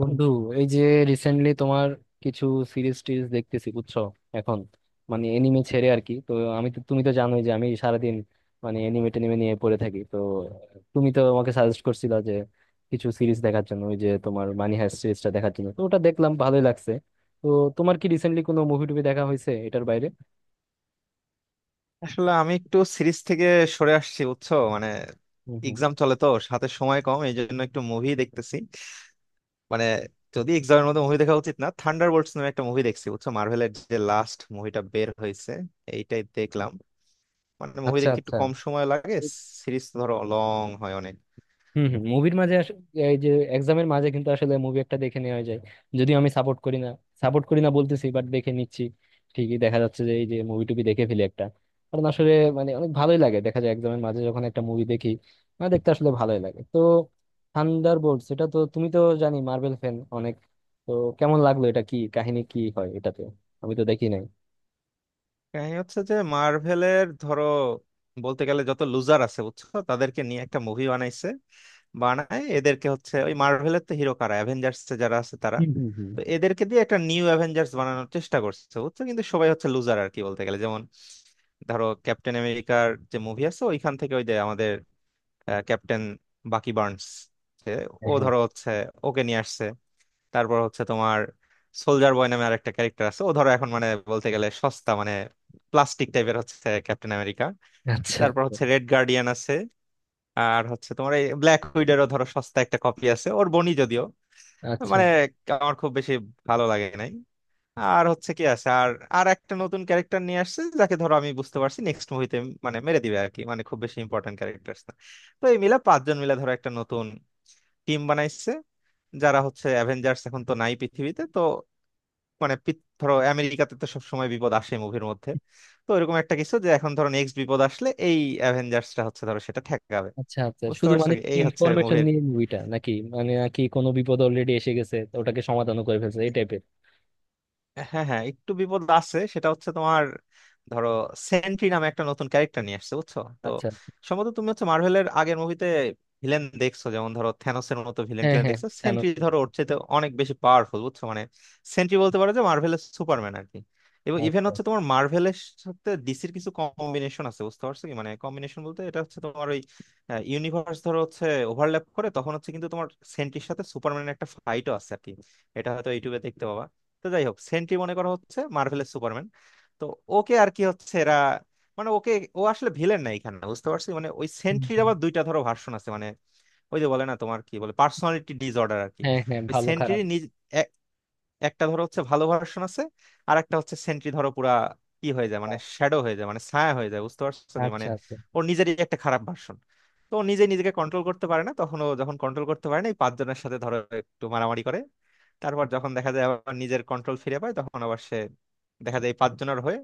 বন্ধু, এই যে রিসেন্টলি তোমার কিছু সিরিজ টিরিজ দেখতেছি বুঝছো। এখন মানে এনিমে ছেড়ে আর কি। তো আমি তো, তুমি তো জানোই যে আমি সারাদিন মানে এনিমে টেনিমে নিয়ে পড়ে থাকি। তো তুমি তো আমাকে সাজেস্ট করছিলা যে কিছু সিরিজ দেখার জন্য, ওই যে তোমার মানি হাইস্ট সিরিজটা দেখার জন্য। তো ওটা দেখলাম, ভালোই লাগছে। তো তোমার কি রিসেন্টলি কোনো মুভি টুভি দেখা হয়েছে এটার বাইরে? আসলে আমি একটু সিরিজ থেকে সরে আসছি, বুঝছো? মানে হুম হুম। এক্সাম চলে, তো সাথে সময় কম, এই জন্য একটু মুভি দেখতেছি। মানে যদি এক্সামের মধ্যে মুভি দেখা উচিত না। থান্ডারবোল্টস নামে একটা মুভি দেখছি, বুঝছো, মার্ভেলের যে লাস্ট মুভিটা বের হয়েছে এইটাই দেখলাম। মানে মুভি আচ্ছা দেখতে একটু আচ্ছা। কম সময় লাগে, সিরিজ ধরো লং হয় অনেক। হম হম, মুভির মাঝে এই যে এক্সামের মাঝে কিন্তু আসলে মুভি একটা দেখে নেওয়া যায়। যদিও আমি সাপোর্ট করি না, সাপোর্ট করি না বলতেছি, বাট দেখে নিচ্ছি। ঠিকই দেখা যাচ্ছে যে এই যে মুভি টুবি দেখে ফেলি একটা। কারণ আসলে মানে অনেক ভালোই লাগে, দেখা যায় এক্সামের মাঝে যখন একটা মুভি দেখি, মানে দেখতে আসলে ভালোই লাগে। তো থান্ডার বোল্ট, এটা তো তুমি তো জানি মার্বেল ফ্যান অনেক। তো কেমন লাগলো এটা? কি কাহিনী কি হয় এটাতে? আমি তো দেখি নাই। কাহিনী হচ্ছে যে মার্ভেলের, ধরো বলতে গেলে যত লুজার আছে বুঝছো তাদেরকে নিয়ে একটা মুভি বানাইছে। বানায়, এদেরকে হচ্ছে ওই মার্ভেলের তো হিরো কারা, অ্যাভেঞ্জার্স যারা আছে তারা। হুম হুম হুম। তো এদেরকে দিয়ে একটা নিউ অ্যাভেঞ্জার্স বানানোর চেষ্টা করছে, বুঝছো, কিন্তু সবাই হচ্ছে লুজার আর কি। বলতে গেলে যেমন ধরো ক্যাপ্টেন আমেরিকার যে মুভি আছে ওইখান থেকে ওই যে আমাদের ক্যাপ্টেন বাকি বার্নস যে, হ্যাঁ ও হ্যাঁ। ধরো হচ্ছে, ওকে নিয়ে আসছে। তারপর হচ্ছে তোমার সোলজার বয় নামে আরেকটা ক্যারেক্টার আছে, ও ধরো এখন মানে বলতে গেলে সস্তা, মানে প্লাস্টিক টাইপের হচ্ছে ক্যাপ্টেন আমেরিকা। আচ্ছা তারপর হচ্ছে রেড গার্ডিয়ান আছে, আর হচ্ছে তোমার এই ব্ল্যাক উইডারও ধরো সস্তা একটা কপি আছে ওর বনি যদিও। আচ্ছা। মানে আমার খুব বেশি ভালো লাগে নাই। আর হচ্ছে কি আছে, আর আর একটা নতুন ক্যারেক্টার নিয়ে আসছে যাকে ধরো আমি বুঝতে পারছি নেক্সট মুভিতে মানে মেরে দিবে আর কি, মানে খুব বেশি ইম্পর্টেন্ট ক্যারেক্টার না। তো এই মিলা পাঁচজন মিলে ধরো একটা নতুন টিম বানাইছে, যারা হচ্ছে অ্যাভেঞ্জার্স এখন তো নাই পৃথিবীতে তো। মানে ধরো আমেরিকাতে তো সবসময় বিপদ আসে মুভির মধ্যে, তো এরকম একটা কিছু যে এখন ধরো নেক্সট বিপদ আসলে এই অ্যাভেঞ্জার্সটা হচ্ছে ধরো সেটা ঠেকাবে। আচ্ছা আচ্ছা, বুঝতে শুধু পারছো মানে কি? এই হচ্ছে ইনফরমেশন মুভির। নিয়ে মুভিটা, নাকি মানে নাকি কোনো বিপদ অলরেডি এসে গেছে তো ওটাকে সমাধানও করে ফেলছে এই টাইপের? হ্যাঁ হ্যাঁ একটু বিপদ আছে, সেটা হচ্ছে তোমার ধরো সেন্ট্রি নামে একটা নতুন ক্যারেক্টার নিয়ে আসছে, বুঝছো তো। আচ্ছা। সম্ভবত তুমি হচ্ছে মার্ভেলের আগের মুভিতে ভিলেন দেখছো, যেমন ধরো থ্যানোসের মতো ভিলেন হ্যাঁ টিলেন হ্যাঁ, দেখছো, জানো সেন্ট্রি তো। ধরো ওর চাইতে অনেক বেশি পাওয়ারফুল, বুঝছো মানে। সেন্ট্রি বলতে পারো যে মার্ভেলের সুপারম্যান আর কি। এবং ইভেন আচ্ছা। হচ্ছে তোমার মার্ভেলের সাথে ডিসির কিছু কম্বিনেশন আছে, বুঝতে পারছো কি, মানে কম্বিনেশন বলতে এটা হচ্ছে তোমার ওই ইউনিভার্স ধরো হচ্ছে ওভারল্যাপ করে, তখন হচ্ছে কিন্তু তোমার সেন্ট্রির সাথে সুপারম্যানের একটা ফাইটও আছে আর কি। এটা হয়তো ইউটিউবে দেখতে পাবা। তো যাই হোক সেন্ট্রি মনে করা হচ্ছে মার্ভেলের সুপারম্যান। তো ওকে আর কি হচ্ছে এরা, মানে ওকে, ও আসলে ভিলেন না এখানে বুঝতে পারছি। মানে ওই হুম, সেন্ট্রির হুম। আবার দুইটা ধরো ভার্সন আছে মানে। ওই যে বলে না তোমার কি বলে, পার্সোনালিটি ডিসঅর্ডার আর কি। হ্যাঁ হ্যাঁ, ওই ভালো সেন্ট্রির খারাপ। নিজ এক- একটা ধরো হচ্ছে ভালো ভার্সন আছে, আর একটা হচ্ছে সেন্ট্রি ধরো পুরা কি হয়ে যায় মানে খারাপ। শ্যাডো হয়ে যায়, মানে ছায়া হয়ে যায়, বুঝতে পারছো কি মানে। আচ্ছা আচ্ছা। ওর নিজেরই একটা খারাপ ভার্সন। তো ও নিজে নিজেকে কন্ট্রোল করতে পারে না, তখন ও যখন কন্ট্রোল করতে পারে না এই পাঁচজনের সাথে ধরো একটু মারামারি করে। তারপর যখন দেখা যায় আবার নিজের কন্ট্রোল ফিরে পায়, তখন আবার সে দেখা যায় এই পাঁচজনের হয়ে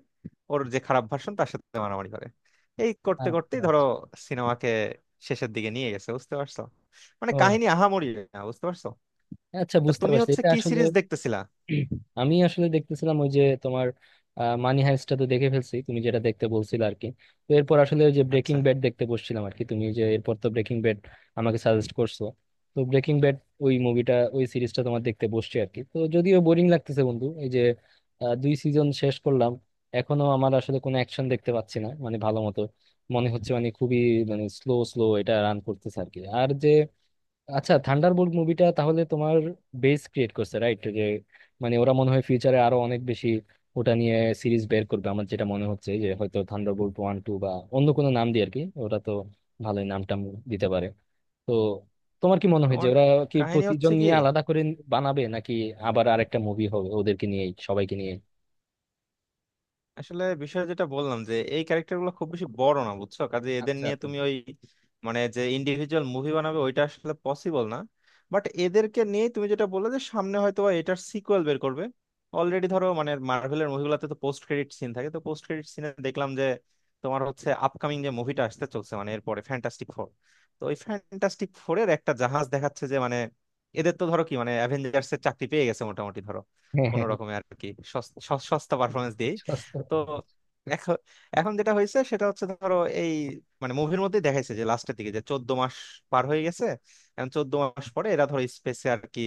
ওর যে খারাপ ভার্সন তার সাথে মারামারি করে। এই করতে আচ্ছা করতেই ধরো আচ্ছা। সিনেমাকে শেষের দিকে নিয়ে গেছে, বুঝতে পারছো? মানে ও, কাহিনী আহামরি না, বুঝতে পারছো। আচ্ছা তা বুঝতে তুমি পারছি হচ্ছে এটা কি আসলে। সিরিজ দেখতেছিলা? আমি আসলে দেখতেছিলাম ওই যে তোমার মানি হাইস্টটা তো দেখে ফেলছি, তুমি যেটা দেখতে বলছিলে আর কি। তো এরপর আসলে ওই যে ব্রেকিং আচ্ছা, ব্যাড দেখতে বসছিলাম আর কি, তুমি যে এরপর তো ব্রেকিং ব্যাড আমাকে সাজেস্ট করছো। তো ব্রেকিং ব্যাড, ওই মুভিটা, ওই সিরিজটা তোমার দেখতে বসছি আর কি। তো যদিও বোরিং লাগতেছে বন্ধু, এই যে 2 সিজন শেষ করলাম। এখনো আমার আসলে কোনো অ্যাকশন দেখতে পাচ্ছি না মানে ভালো মতো। মনে হচ্ছে মানে খুবই মানে স্লো স্লো এটা রান করতেছে আর কি। আর যে আচ্ছা, থান্ডারবোল্ট মুভিটা তাহলে তোমার বেস ক্রিয়েট করছে, রাইট? যে মানে ওরা মনে হয় ফিউচারে আরো অনেক বেশি ওটা নিয়ে সিরিজ বের করবে। আমার যেটা মনে হচ্ছে যে হয়তো থান্ডারবোল্ট ওয়ান টু, বা অন্য কোনো নাম দিয়ে আর কি। ওরা তো ভালোই নাম টাম দিতে পারে। তো তোমার কি মনে হয় যে তোমার ওরা কি কাহিনী হচ্ছে প্রতিজন কি? নিয়ে আলাদা করে বানাবে, নাকি আবার আরেকটা মুভি হবে ওদেরকে নিয়ে, সবাইকে নিয়ে? আসলে বিষয় যেটা বললাম যে এই ক্যারেক্টার গুলো খুব বেশি বড় না, বুঝছো, কাজে এদের আচ্ছা নিয়ে আচ্ছা। তুমি ওই মানে যে ইন্ডিভিজুয়াল মুভি বানাবে ওইটা আসলে পসিবল না। বাট এদেরকে নিয়ে তুমি যেটা বললে যে সামনে হয়তো বা এটার সিকুয়েল বের করবে, অলরেডি ধরো মানে মার্ভেলের মুভিগুলোতে তো পোস্ট ক্রেডিট সিন থাকে, তো পোস্ট ক্রেডিট সিনে দেখলাম যে তোমার হচ্ছে আপকামিং যে মুভিটা আসতে চলছে, মানে এরপরে ফ্যান্টাস্টিক ফোর। তো ওই ফ্যান্টাস্টিক ফোরের একটা জাহাজ দেখাচ্ছে, যে মানে এদের তো ধরো কি মানে অ্যাভেঞ্জার্স এর চাকরি পেয়ে গেছে মোটামুটি ধরো, হ্যাঁ হ্যাঁ কোনো হ্যাঁ। রকমে আর কি সস্তা পারফরমেন্স দিয়ে। সস্তা। তো এখন, যেটা হয়েছে সেটা হচ্ছে ধরো এই মানে মুভির মধ্যে দেখাইছে যে লাস্টের দিকে যে 14 মাস পার হয়ে গেছে। এখন 14 মাস পরে এরা ধরো স্পেসে আর কি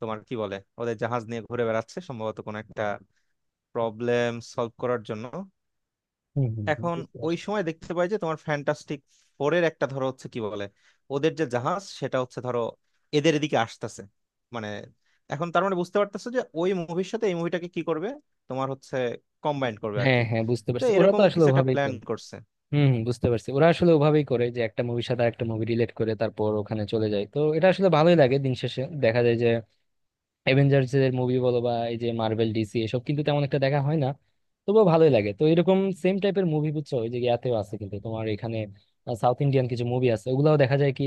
তোমার কি বলে ওদের জাহাজ নিয়ে ঘুরে বেড়াচ্ছে সম্ভবত কোনো একটা প্রবলেম সলভ করার জন্য। হুম, হুম, হুম। এখন বুঝতে ওই পারছি। সময় দেখতে পাই যে তোমার ফ্যান্টাস্টিক ফোরের একটা ধরো হচ্ছে কি বলে ওদের যে জাহাজ সেটা হচ্ছে ধরো এদের এদিকে আসতেছে মানে। এখন তার মানে বুঝতে পারতেছে যে ওই মুভির সাথে এই মুভিটাকে কি করবে, তোমার হচ্ছে কম্বাইন করবে আর হ্যাঁ কি। হ্যাঁ, বুঝতে তো পারছি ওরা তো এরকম আসলে কিছু একটা ওভাবেই প্ল্যান করে। করছে। হম হম, বুঝতে পারছি ওরা আসলে ওভাবেই করে, যে একটা মুভির সাথে আরেকটা মুভি রিলেট করে তারপর ওখানে চলে যায়। তো এটা আসলে ভালোই লাগে, দিন শেষে দেখা যায় যে অ্যাভেঞ্জার্স এর মুভি বলো বা এই যে মার্বেল ডিসি এসব, কিন্তু তেমন একটা দেখা হয় না। তবুও ভালোই লাগে তো এরকম সেম টাইপের মুভি বুঝছো। ওই যে ইয়াতেও আছে কিন্তু, তোমার এখানে সাউথ ইন্ডিয়ান কিছু মুভি আছে ওগুলাও দেখা যায় কি।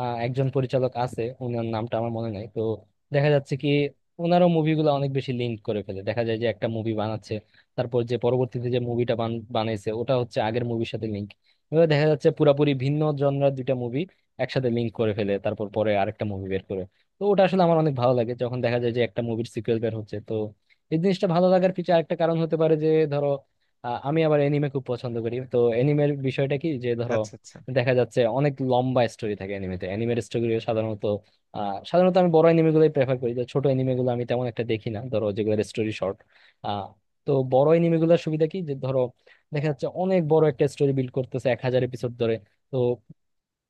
একজন পরিচালক আছে, ওনার নামটা আমার মনে নাই তো। দেখা যাচ্ছে কি ওনারও মুভিগুলো অনেক বেশি লিঙ্ক করে ফেলে, দেখা যায় যে একটা মুভি বানাচ্ছে তারপর যে পরবর্তীতে যে মুভিটা বানাইছে ওটা হচ্ছে আগের মুভির সাথে লিঙ্ক। এবার দেখা যাচ্ছে পুরাপুরি ভিন্ন জনরার দুইটা মুভি একসাথে লিঙ্ক করে ফেলে, তারপর পরে আরেকটা মুভি বের করে। তো ওটা আসলে আমার অনেক ভালো লাগে যখন দেখা যায় যে একটা মুভির সিকুয়েল বের হচ্ছে। তো এই জিনিসটা ভালো লাগার পিছনে আরেকটা কারণ হতে পারে যে ধরো আমি আবার এনিমে খুব পছন্দ করি। তো এনিমের বিষয়টা কি যে ধরো আচ্ছা, আচ্ছা, দেখা যাচ্ছে অনেক লম্বা স্টোরি থাকে এনিমেতে, এনিমের স্টোরি সাধারণত সাধারণত আমি বড় এনিমে গুলোই প্রেফার করি, যে ছোট এনিমে গুলো আমি তেমন একটা দেখি না ধরো, যেগুলোর স্টোরি শর্ট। আহ তো বড় এনিমে গুলোর সুবিধা কি যে ধরো দেখা যাচ্ছে অনেক বড় একটা স্টোরি বিল্ড করতেছে 1000 এপিসোড ধরে। তো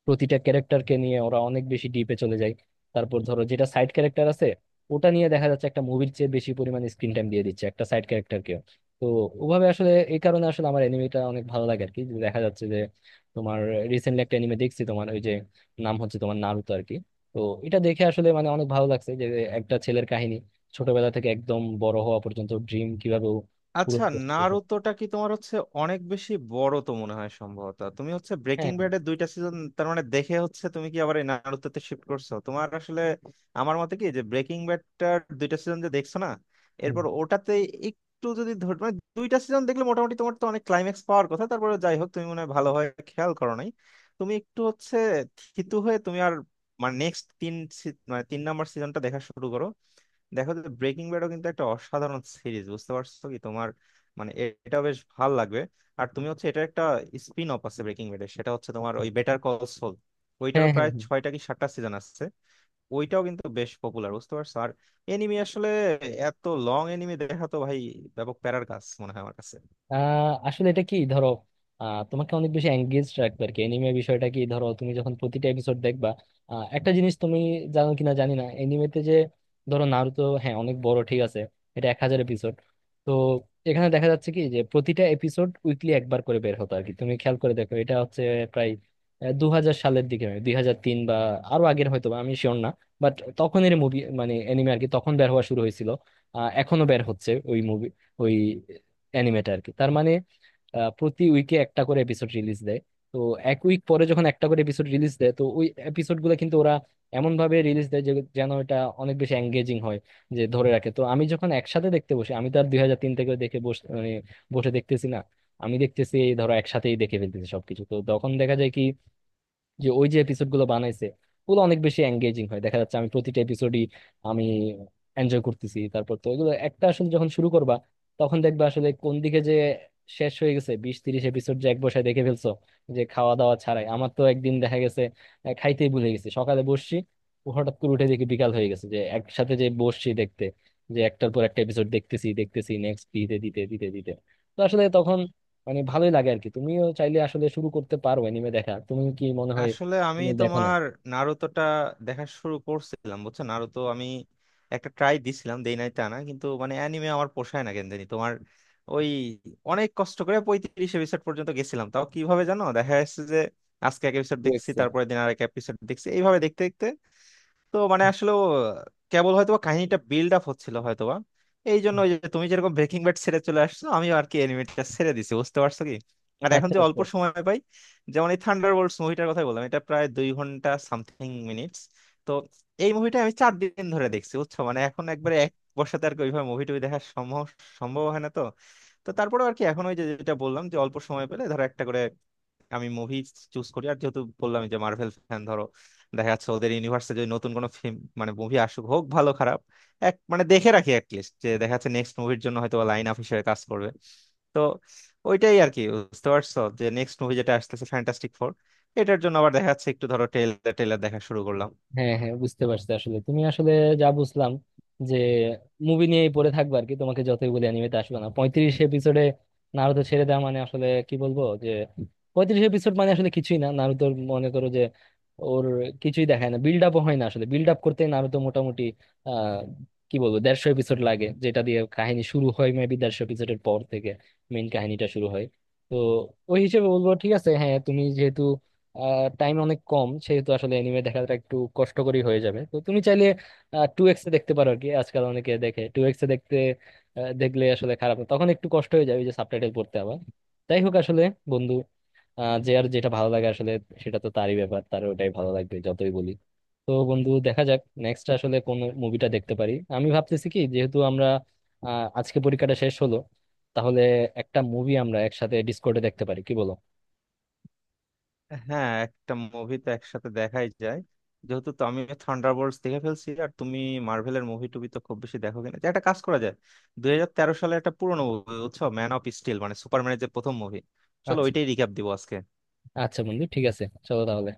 প্রতিটা ক্যারেক্টারকে নিয়ে ওরা অনেক বেশি ডিপে চলে যায়। তারপর ধরো যেটা সাইড ক্যারেক্টার আছে, ওটা নিয়ে দেখা যাচ্ছে একটা মুভির চেয়ে বেশি পরিমাণে স্ক্রিন টাইম দিয়ে দিচ্ছে একটা সাইড ক্যারেক্টারকেও। তো ওভাবে আসলে এই কারণে আসলে আমার এনিমেটা অনেক ভালো লাগে আর কি, যে দেখা যাচ্ছে যে তোমার রিসেন্টলি একটা এনিমে দেখছি তোমার ওই যে নাম হচ্ছে তোমার নারুতো আর কি। তো এটা দেখে আসলে মানে অনেক ভালো লাগছে যে একটা ছেলের কাহিনী, ছোটবেলা থেকে একদম বড় হওয়া পর্যন্ত ড্রিম কিভাবে ও পূরণ আচ্ছা। করতে পেরেছে। নারুতোটা কি তোমার হচ্ছে অনেক বেশি বড় তো মনে হয়। সম্ভবত তুমি হচ্ছে হ্যাঁ ব্রেকিং হ্যাঁ। ব্যাডের দুইটা সিজন তার মানে দেখে হচ্ছে তুমি কি আবার এই নারুতোতে শিফট করছো তোমার? আসলে আমার মতে কি যে ব্রেকিং ব্যাডটার দুইটা সিজন যে দেখছো না হুম, এরপর ওটাতে একটু যদি ধর মানে দুইটা সিজন দেখলে মোটামুটি তোমার তো অনেক ক্লাইম্যাক্স পাওয়ার কথা। তারপরে যাই হোক তুমি মনে হয় ভালোভাবে খেয়াল করো নাই। তুমি একটু হচ্ছে থিতু হয়ে তুমি আর মানে নেক্সট তিন, মানে তিন নাম্বার সিজনটা দেখা শুরু করো। দেখো যে ব্রেকিং ব্যাডও কিন্তু একটা অসাধারণ সিরিজ, বুঝতে পারছো কি তোমার, মানে এটা বেশ ভাল লাগবে। আর তুমি হচ্ছে এটা একটা স্পিন অফ আছে ব্রেকিং ব্যাডের, সেটা হচ্ছে তোমার ওই আচ্ছা। বেটার কল সল। ওইটারও হ্যাঁ হ্যাঁ প্রায় হ্যাঁ। ছয়টা কি সাতটা সিজন আছে। ওইটাও কিন্তু বেশ পপুলার, বুঝতে পারছো। আর এনিমি আসলে এত লং এনিমি দেখা তো ভাই ব্যাপক প্যারার কাজ মনে হয় আমার কাছে। আসলে এটা কি ধরো তোমাকে অনেক বেশি এঙ্গেজ রাখবে আর কি। এনিমে বিষয়টা কি ধরো তুমি যখন প্রতিটা এপিসোড দেখবা একটা জিনিস তুমি জানো কিনা জানি না এনিমেতে যে ধরো নারুতো, হ্যাঁ অনেক বড় ঠিক আছে, এটা 1000 এপিসোড। তো এখানে দেখা যাচ্ছে কি যে প্রতিটা এপিসোড উইকলি একবার করে বের হতো আর কি। তুমি খেয়াল করে দেখো এটা হচ্ছে প্রায় 2000 সালের দিকে, 2003 বা আরো আগের, হয়তো বা, আমি শিওর না। বাট তখনের মুভি মানে এনিমে আর কি, তখন বের হওয়া শুরু হয়েছিল। এখনো বের হচ্ছে ওই মুভি, ওই অ্যানিমেটা আর কি। তার মানে প্রতি উইকে একটা করে এপিসোড রিলিজ দেয়। তো এক উইক পরে যখন একটা করে এপিসোড রিলিজ দেয়, তো ওই এপিসোড গুলো কিন্তু ওরা এমন ভাবে রিলিজ দেয় যে যেন এটা অনেক বেশি এঙ্গেজিং হয়, যে ধরে রাখে। তো আমি যখন একসাথে দেখতে বসি, আমি তো আর 2003 থেকে দেখে বসে মানে বসে দেখতেছি না, আমি দেখতেছি এই ধরো একসাথেই দেখে ফেলতেছি সবকিছু। তো তখন দেখা যায় কি যে ওই যে এপিসোড গুলো বানাইছে ওগুলো অনেক বেশি এঙ্গেজিং হয়, দেখা যাচ্ছে আমি প্রতিটা এপিসোডই আমি এনজয় করতেছি। তারপর তো এগুলো একটা আসলে যখন শুরু করবা তখন দেখবা আসলে কোন দিকে যে শেষ হয়ে গেছে, 20-30 এপিসোড যে এক বসায় দেখে ফেলছো, যে খাওয়া দাওয়া ছাড়াই। আমার তো একদিন দেখা গেছে খাইতেই ভুলে গেছি, সকালে বসছি ও হঠাৎ করে উঠে দেখি বিকাল হয়ে গেছে, যে একসাথে যে বসছি দেখতে, যে একটার পর একটা এপিসোড দেখতেছি দেখতেছি নেক্সট দিতে দিতে দিতে দিতে। তো আসলে তখন মানে ভালোই লাগে আর কি। তুমিও চাইলে আসলে শুরু করতে পারো অ্যানিমে দেখা, তুমি কি মনে হয়? আসলে আমি তুমি দেখো নাই তোমার নারুতোটা দেখা শুরু করছিলাম, বুঝছো, নারুতো আমি একটা ট্রাই দিছিলাম, দেই নাই তা না, কিন্তু মানে অ্যানিমে আমার পোষায় না কেন জানি তোমার। ওই অনেক কষ্ট করে 35 এপিসোড পর্যন্ত গেছিলাম, তাও কিভাবে জানো, দেখা যাচ্ছে যে আজকে এক এপিসোড টু দেখছি, এক্সেল? তারপরে দিন আর এক এপিসোড দেখছি, এইভাবে দেখতে দেখতে। তো মানে আসলে ও কেবল হয়তো বা কাহিনীটা বিল্ড আপ হচ্ছিল হয়তোবা, এই জন্য ওই যে তুমি যেরকম ব্রেকিং ব্যাড ছেড়ে চলে আসছো আমি আর কি এনিমেটটা ছেড়ে দিছি, বুঝতে পারছো কি। আর এখন আচ্ছা যে অল্প আচ্ছা। সময় পাই, যেমন এই থান্ডার বোল্টস মুভিটার কথা বললাম, এটা প্রায় 2 ঘন্টা সামথিং মিনিটস। তো এই মুভিটা আমি 4 দিন ধরে দেখছি, বুঝছো। মানে এখন একবারে এক বসাতে আর কি ওইভাবে মুভি টুভি দেখা সম্ভব, হয় না তো। তো তারপরে আর কি এখন ওই যে যেটা বললাম যে অল্প সময় পেলে ধরো একটা করে আমি মুভি চুজ করি। আর যেহেতু বললাম যে মার্ভেল ফ্যান ধরো, দেখা যাচ্ছে ওদের ইউনিভার্সে যদি নতুন কোনো ফিল্ম মানে মুভি আসুক, হোক ভালো খারাপ, এক মানে দেখে রাখি অ্যাটলিস্ট, যে দেখা যাচ্ছে নেক্সট মুভির জন্য হয়তো লাইন আপ হিসেবে কাজ করবে। তো ওইটাই আর কি, বুঝতে পারছো, যে নেক্সট মুভি যেটা আসতেছে ফ্যান্টাস্টিক ফোর, এটার জন্য আবার দেখা যাচ্ছে একটু ধরো ট্রেলার টেলার দেখা শুরু করলাম। হ্যাঁ হ্যাঁ, বুঝতে পারছি আসলে তুমি আসলে যা বুঝলাম যে মুভি নিয়েই পড়ে থাকবে আর কি, তোমাকে যতই বলি অ্যানিমেতে আসবে না। 35 এপিসোডে নারুতো ছেড়ে দেওয়া মানে আসলে কি বলবো, যে 35 এপিসোড মানে আসলে কিছুই না নারুতোর। মনে করো যে ওর কিছুই দেখায় না, বিল্ড আপও হয় না আসলে। বিল্ড আপ করতে নারুতো মোটামুটি আহ কি বলবো 150 এপিসোড লাগে, যেটা দিয়ে কাহিনী শুরু হয়। মেবি 150 এপিসোডের পর থেকে মেইন কাহিনীটা শুরু হয়। তো ওই হিসেবে বলবো ঠিক আছে হ্যাঁ, তুমি যেহেতু টাইম অনেক কম সেহেতু আসলে এনিমে দেখাটা একটু কষ্টকরই হয়ে যাবে। তো তুমি চাইলে টু এক্সে দেখতে পারো আর কি, আজকাল অনেকে দেখে টু এক্সে দেখতে। দেখলে আসলে খারাপ না। তখন একটু কষ্ট হয়ে যাবে ওই যে সাবটাইটেল পড়তে আবার। যাই হোক আসলে বন্ধু, যে আর যেটা ভালো লাগে আসলে সেটা তো তারই ব্যাপার, তার ওটাই ভালো লাগবে যতই বলি। তো বন্ধু দেখা যাক নেক্সট আসলে কোন মুভিটা দেখতে পারি। আমি ভাবতেছি কি, যেহেতু আমরা আজকে পরীক্ষাটা শেষ হলো তাহলে একটা মুভি আমরা একসাথে ডিসকর্ডে দেখতে পারি, কি বলো? হ্যাঁ একটা মুভি তো একসাথে দেখাই যায়। যেহেতু তো আমি থান্ডারবোল্টস দেখে ফেলছি আর তুমি মার্ভেলের মুভি টুবি তো খুব বেশি দেখো কিনা, যে একটা কাজ করা যায়, 2013 সালে একটা পুরনো মুভি বুঝছো, ম্যান অফ স্টিল, মানে সুপারম্যানের যে প্রথম মুভি, চলো আচ্ছা। ওইটাই রিক্যাপ দিব আজকে। আচ্ছা বন্ধু, ঠিক আছে, চলো তাহলে।